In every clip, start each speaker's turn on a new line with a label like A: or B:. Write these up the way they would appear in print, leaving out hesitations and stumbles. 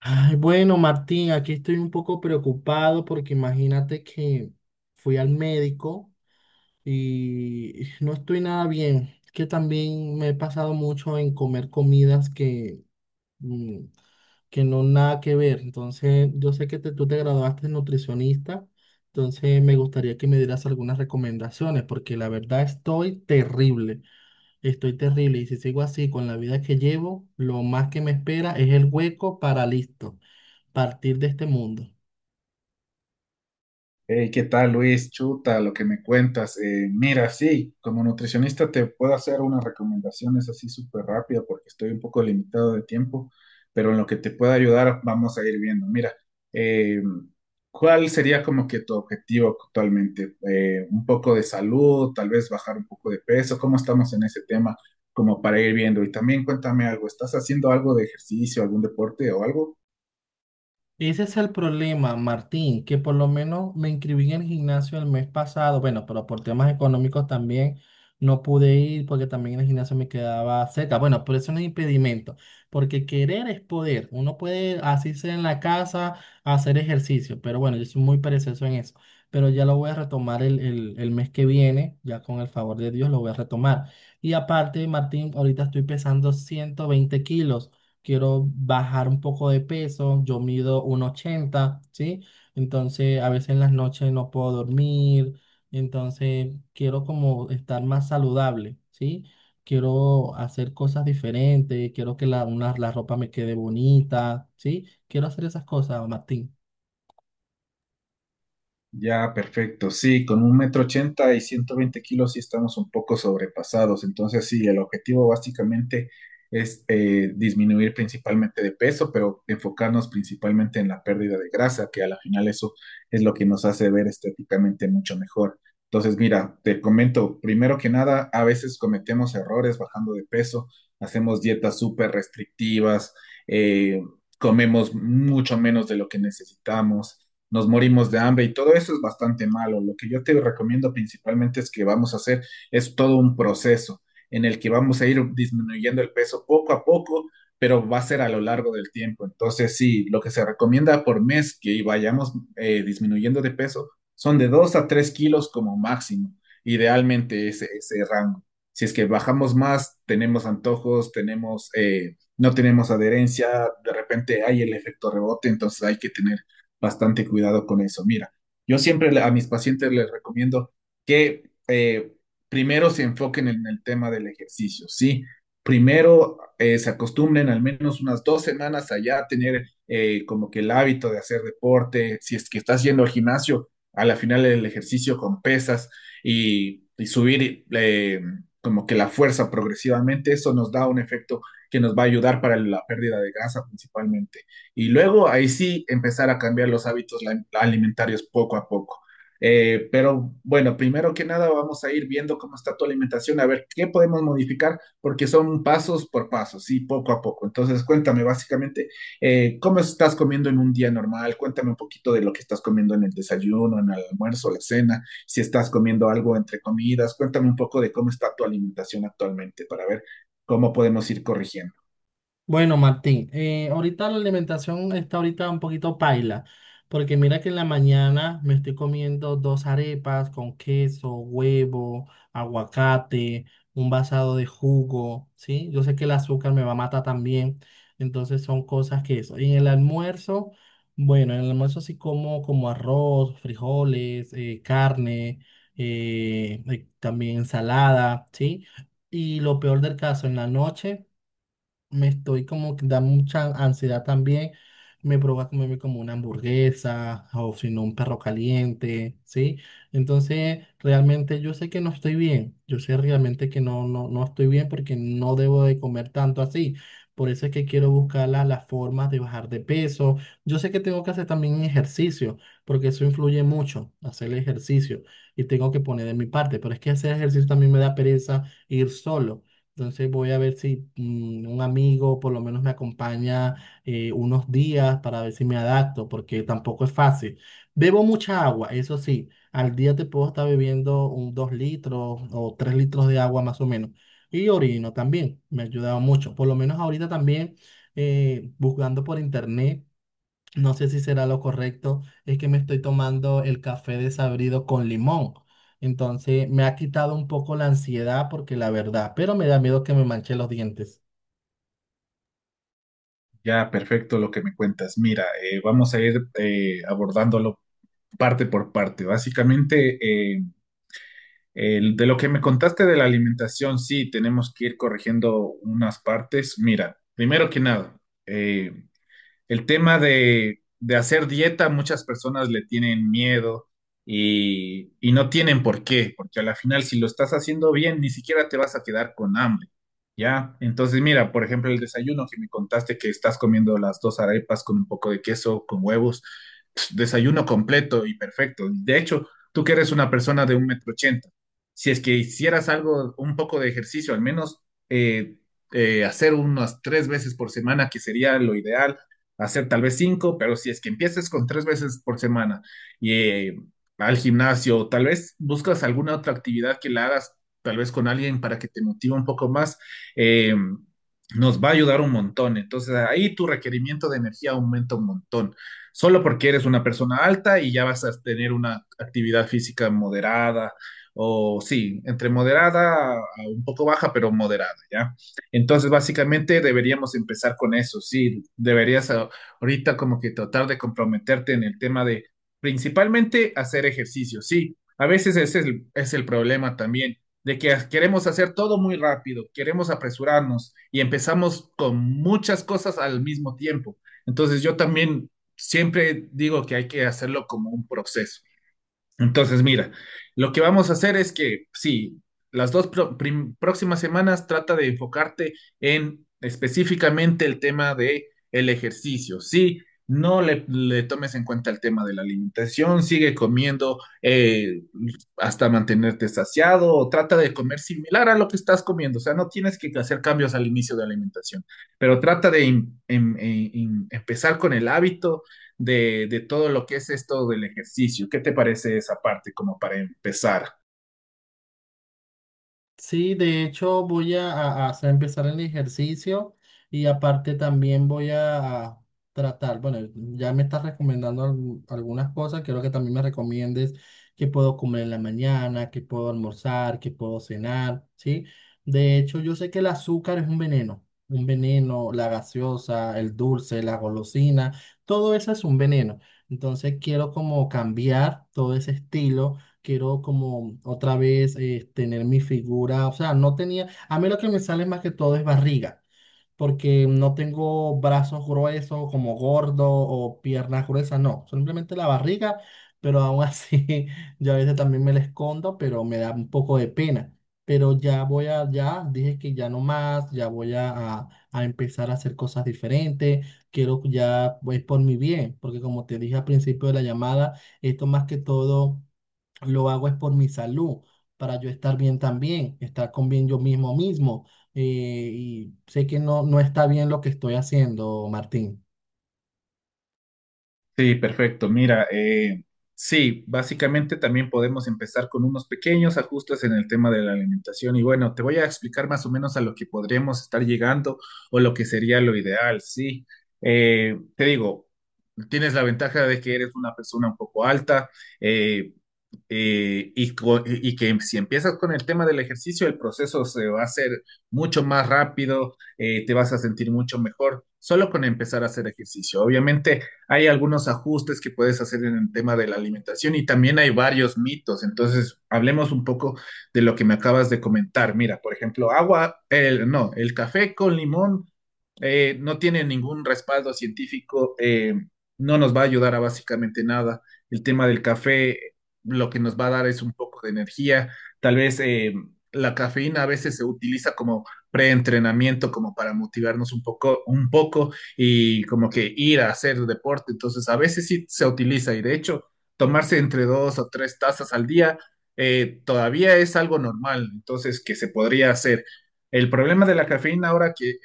A: Ay, bueno, Martín, aquí estoy un poco preocupado porque imagínate que fui al médico y no estoy nada bien. Es que también me he pasado mucho en comer comidas que, mm, que no nada que ver. Entonces, yo sé que tú te graduaste de nutricionista, entonces me gustaría que me dieras algunas recomendaciones porque la verdad estoy terrible. Estoy terrible y si sigo así con la vida que llevo, lo más que me espera es el hueco para listo, partir de este mundo.
B: Hey, ¿qué tal, Luis? Chuta, lo que me cuentas. Mira, sí, como nutricionista te puedo hacer unas recomendaciones así súper rápido porque estoy un poco limitado de tiempo, pero en lo que te pueda ayudar vamos a ir viendo. Mira, eh, ¿cuál sería como que tu objetivo actualmente? ¿Un poco de salud, tal vez bajar un poco de peso? ¿Cómo estamos en ese tema como para ir viendo? Y también cuéntame algo, ¿estás haciendo algo de ejercicio, algún deporte o algo?
A: Ese es el problema, Martín, que por lo menos me inscribí en el gimnasio el mes pasado, bueno, pero por temas económicos también no pude ir porque también el gimnasio me quedaba cerca. Bueno, por eso no es impedimento, porque querer es poder. Uno puede asirse en la casa, hacer ejercicio, pero bueno, yo soy muy perezoso en eso. Pero ya lo voy a retomar el mes que viene, ya con el favor de Dios lo voy a retomar. Y aparte, Martín, ahorita estoy pesando 120 kilos, quiero bajar un poco de peso, yo mido 1,80, ¿sí? Entonces a veces en las noches no puedo dormir, entonces quiero como estar más saludable, ¿sí? Quiero hacer cosas diferentes, quiero que la ropa me quede bonita, ¿sí? Quiero hacer esas cosas, Martín.
B: Ya, perfecto. Sí, con un metro ochenta y 120 kilos sí estamos un poco sobrepasados. Entonces, sí, el objetivo básicamente es disminuir principalmente de peso, pero enfocarnos principalmente en la pérdida de grasa, que a la final eso es lo que nos hace ver estéticamente mucho mejor. Entonces, mira, te comento, primero que nada, a veces cometemos errores bajando de peso, hacemos dietas súper restrictivas, eh, comemos mucho menos de lo que necesitamos, nos morimos de hambre y todo eso es bastante malo. Lo que yo te recomiendo principalmente es que vamos a hacer es todo un proceso en el que vamos a ir disminuyendo el peso poco a poco, pero va a ser a lo largo del tiempo. Entonces, sí, lo que se recomienda por mes que vayamos disminuyendo de peso son de 2 a 3 kilos como máximo, idealmente ese rango. Si es que bajamos más, tenemos antojos, tenemos, no tenemos adherencia, de repente hay el efecto rebote, entonces hay que tener bastante cuidado con eso. Mira, yo siempre a mis pacientes les recomiendo que primero se enfoquen en el tema del ejercicio, ¿sí? Primero se acostumbren al menos unas 2 semanas a ya tener como que el hábito de hacer deporte. Si es que estás yendo al gimnasio, a la final el ejercicio con pesas y subir como que la fuerza progresivamente, eso nos da un efecto que nos va a ayudar para la pérdida de grasa principalmente y luego ahí sí empezar a cambiar los hábitos alimentarios poco a poco. Pero bueno, primero que nada vamos a ir viendo cómo está tu alimentación, a ver qué podemos modificar, porque son pasos por pasos, sí, poco a poco. Entonces, cuéntame básicamente cómo estás comiendo en un día normal, cuéntame un poquito de lo que estás comiendo en el desayuno, en el almuerzo, la cena, si estás comiendo algo entre comidas, cuéntame un poco de cómo está tu alimentación actualmente para ver cómo podemos ir corrigiendo.
A: Bueno, Martín, ahorita la alimentación está ahorita un poquito paila, porque mira que en la mañana me estoy comiendo dos arepas con queso, huevo, aguacate, un vasado de jugo, ¿sí? Yo sé que el azúcar me va a matar también, entonces son cosas que eso. Y en el almuerzo, bueno, en el almuerzo sí como como arroz, frijoles, carne, también ensalada, ¿sí? Y lo peor del caso, en la noche me estoy como que da mucha ansiedad también. Me provoca comerme como una hamburguesa o si no un perro caliente, ¿sí? Entonces, realmente yo sé que no estoy bien. Yo sé realmente que no estoy bien porque no debo de comer tanto así. Por eso es que quiero buscar las formas de bajar de peso. Yo sé que tengo que hacer también ejercicio, porque eso influye mucho, hacer el ejercicio. Y tengo que poner de mi parte, pero es que hacer ejercicio también me da pereza ir solo. Entonces voy a ver si un amigo por lo menos me acompaña unos días para ver si me adapto, porque tampoco es fácil. Bebo mucha agua, eso sí, al día te puedo estar bebiendo un 2 litros o 3 litros de agua más o menos. Y orino también, me ha ayudado mucho. Por lo menos ahorita también buscando por internet. No sé si será lo correcto, es que me estoy tomando el café desabrido con limón. Entonces me ha quitado un poco la ansiedad porque la verdad, pero me da miedo que me manche los dientes.
B: Ya, perfecto lo que me cuentas. Mira, vamos a ir abordándolo parte por parte. Básicamente, eh, de lo que me contaste de la alimentación, sí, tenemos que ir corrigiendo unas partes. Mira, primero que nada, eh, el tema de hacer dieta, muchas personas le tienen miedo y no tienen por qué, porque a la final si lo estás haciendo bien, ni siquiera te vas a quedar con hambre, ¿ya? Entonces, mira, por ejemplo, el desayuno que me contaste que estás comiendo las dos arepas con un poco de queso, con huevos, pf, desayuno completo y perfecto. De hecho, tú que eres una persona de un metro ochenta, si es que hicieras algo, un poco de ejercicio, al menos eh, hacer unas 3 veces por semana, que sería lo ideal hacer tal vez cinco, pero si es que empiezas con 3 veces por semana y al gimnasio, tal vez buscas alguna otra actividad que la hagas, tal vez con alguien para que te motive un poco más, eh, nos va a ayudar un montón. Entonces ahí tu requerimiento de energía aumenta un montón. Solo porque eres una persona alta y ya vas a tener una actividad física moderada, o sí, entre moderada a un poco baja, pero moderada, ¿ya? Entonces, básicamente deberíamos empezar con eso, sí, deberías ahorita como que tratar de comprometerte en el tema de principalmente hacer ejercicio, sí, a veces ese es el problema también, de que queremos hacer todo muy rápido, queremos apresurarnos y empezamos con muchas cosas al mismo tiempo. Entonces yo también siempre digo que hay que hacerlo como un proceso. Entonces, mira, lo que vamos a hacer es que, sí, las dos próximas semanas trata de enfocarte en específicamente el tema de el ejercicio. Sí, no le tomes en cuenta el tema de la alimentación, sigue comiendo hasta mantenerte saciado, o trata de comer similar a lo que estás comiendo. O sea, no tienes que hacer cambios al inicio de alimentación, pero trata de empezar con el hábito de todo lo que es esto del ejercicio. ¿Qué te parece esa parte como para empezar?
A: Sí, de hecho voy a, empezar el ejercicio y aparte también voy a tratar, bueno, ya me estás recomendando algunas cosas, quiero que también me recomiendes qué puedo comer en la mañana, qué puedo almorzar, qué puedo cenar, ¿sí? De hecho, yo sé que el azúcar es un veneno, la gaseosa, el dulce, la golosina, todo eso es un veneno. Entonces quiero como cambiar todo ese estilo. Quiero como otra vez tener mi figura, o sea, no tenía, a mí lo que me sale más que todo es barriga, porque no tengo brazos gruesos como gordo o piernas gruesas, no, simplemente la barriga, pero aún así yo a veces también me la escondo, pero me da un poco de pena, pero ya voy a, ya dije que ya no más, ya voy a, a empezar a hacer cosas diferentes, quiero ya, pues por mi bien, porque como te dije al principio de la llamada, esto más que todo lo hago es por mi salud, para yo estar bien también, estar con bien yo mismo mismo. eh, y sé que no está bien lo que estoy haciendo, Martín.
B: Sí, perfecto. Mira, sí, básicamente también podemos empezar con unos pequeños ajustes en el tema de la alimentación y bueno, te voy a explicar más o menos a lo que podríamos estar llegando o lo que sería lo ideal, sí. Te digo, tienes la ventaja de que eres una persona un poco alta, eh, y que si empiezas con el tema del ejercicio, el proceso se va a hacer mucho más rápido, te vas a sentir mucho mejor solo con empezar a hacer ejercicio. Obviamente hay algunos ajustes que puedes hacer en el tema de la alimentación y también hay varios mitos. Entonces, hablemos un poco de lo que me acabas de comentar. Mira, por ejemplo, agua, el, no, el café con limón no tiene ningún respaldo científico, no nos va a ayudar a básicamente nada. El tema del café lo que nos va a dar es un poco de energía. Tal vez la cafeína a veces se utiliza como preentrenamiento, como para motivarnos un poco y como que ir a hacer deporte. Entonces, a veces sí se utiliza y de hecho, tomarse entre 2 o 3 tazas al día todavía es algo normal, entonces, que se podría hacer. El problema de la cafeína ahora que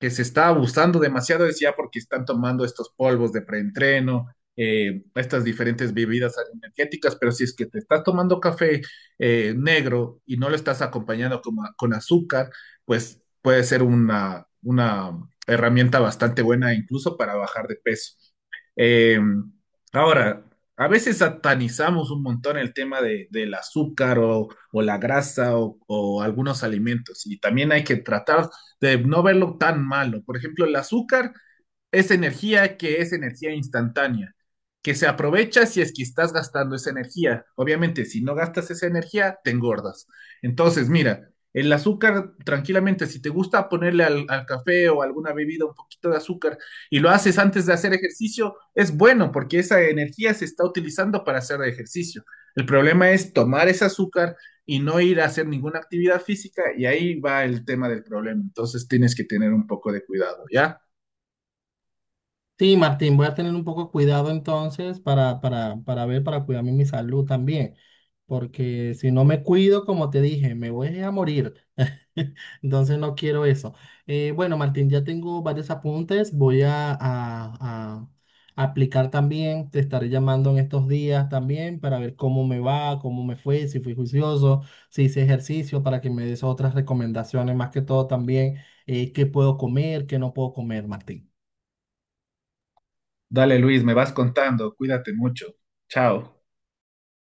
B: que se está abusando demasiado es ya porque están tomando estos polvos de preentreno, estas diferentes bebidas energéticas, pero si es que te estás tomando café negro y no lo estás acompañando con azúcar, pues puede ser una herramienta bastante buena incluso para bajar de peso. Eh, Ahora, a veces satanizamos un montón el tema de, del azúcar o la grasa o algunos alimentos y también hay que tratar de no verlo tan malo. Por ejemplo, el azúcar esa energía que es energía instantánea, que se aprovecha si es que estás gastando esa energía. Obviamente, si no gastas esa energía, te engordas. Entonces, mira, el azúcar, tranquilamente, si te gusta ponerle al café o alguna bebida un poquito de azúcar y lo haces antes de hacer ejercicio, es bueno porque esa energía se está utilizando para hacer ejercicio. El problema es tomar ese azúcar y no ir a hacer ninguna actividad física y ahí va el tema del problema. Entonces tienes que tener un poco de cuidado, ¿ya?
A: Sí, Martín, voy a tener un poco cuidado entonces para, para ver, para cuidarme mi salud también. Porque si no me cuido, como te dije, me voy a morir. Entonces no quiero eso. Bueno, Martín, ya tengo varios apuntes. Voy a, a aplicar también. Te estaré llamando en estos días también para ver cómo me va, cómo me fue, si fui juicioso, si hice ejercicio, para que me des otras recomendaciones, más que todo también, qué puedo comer, qué no puedo comer, Martín.
B: Dale, Luis, me vas contando. Cuídate mucho. Chao.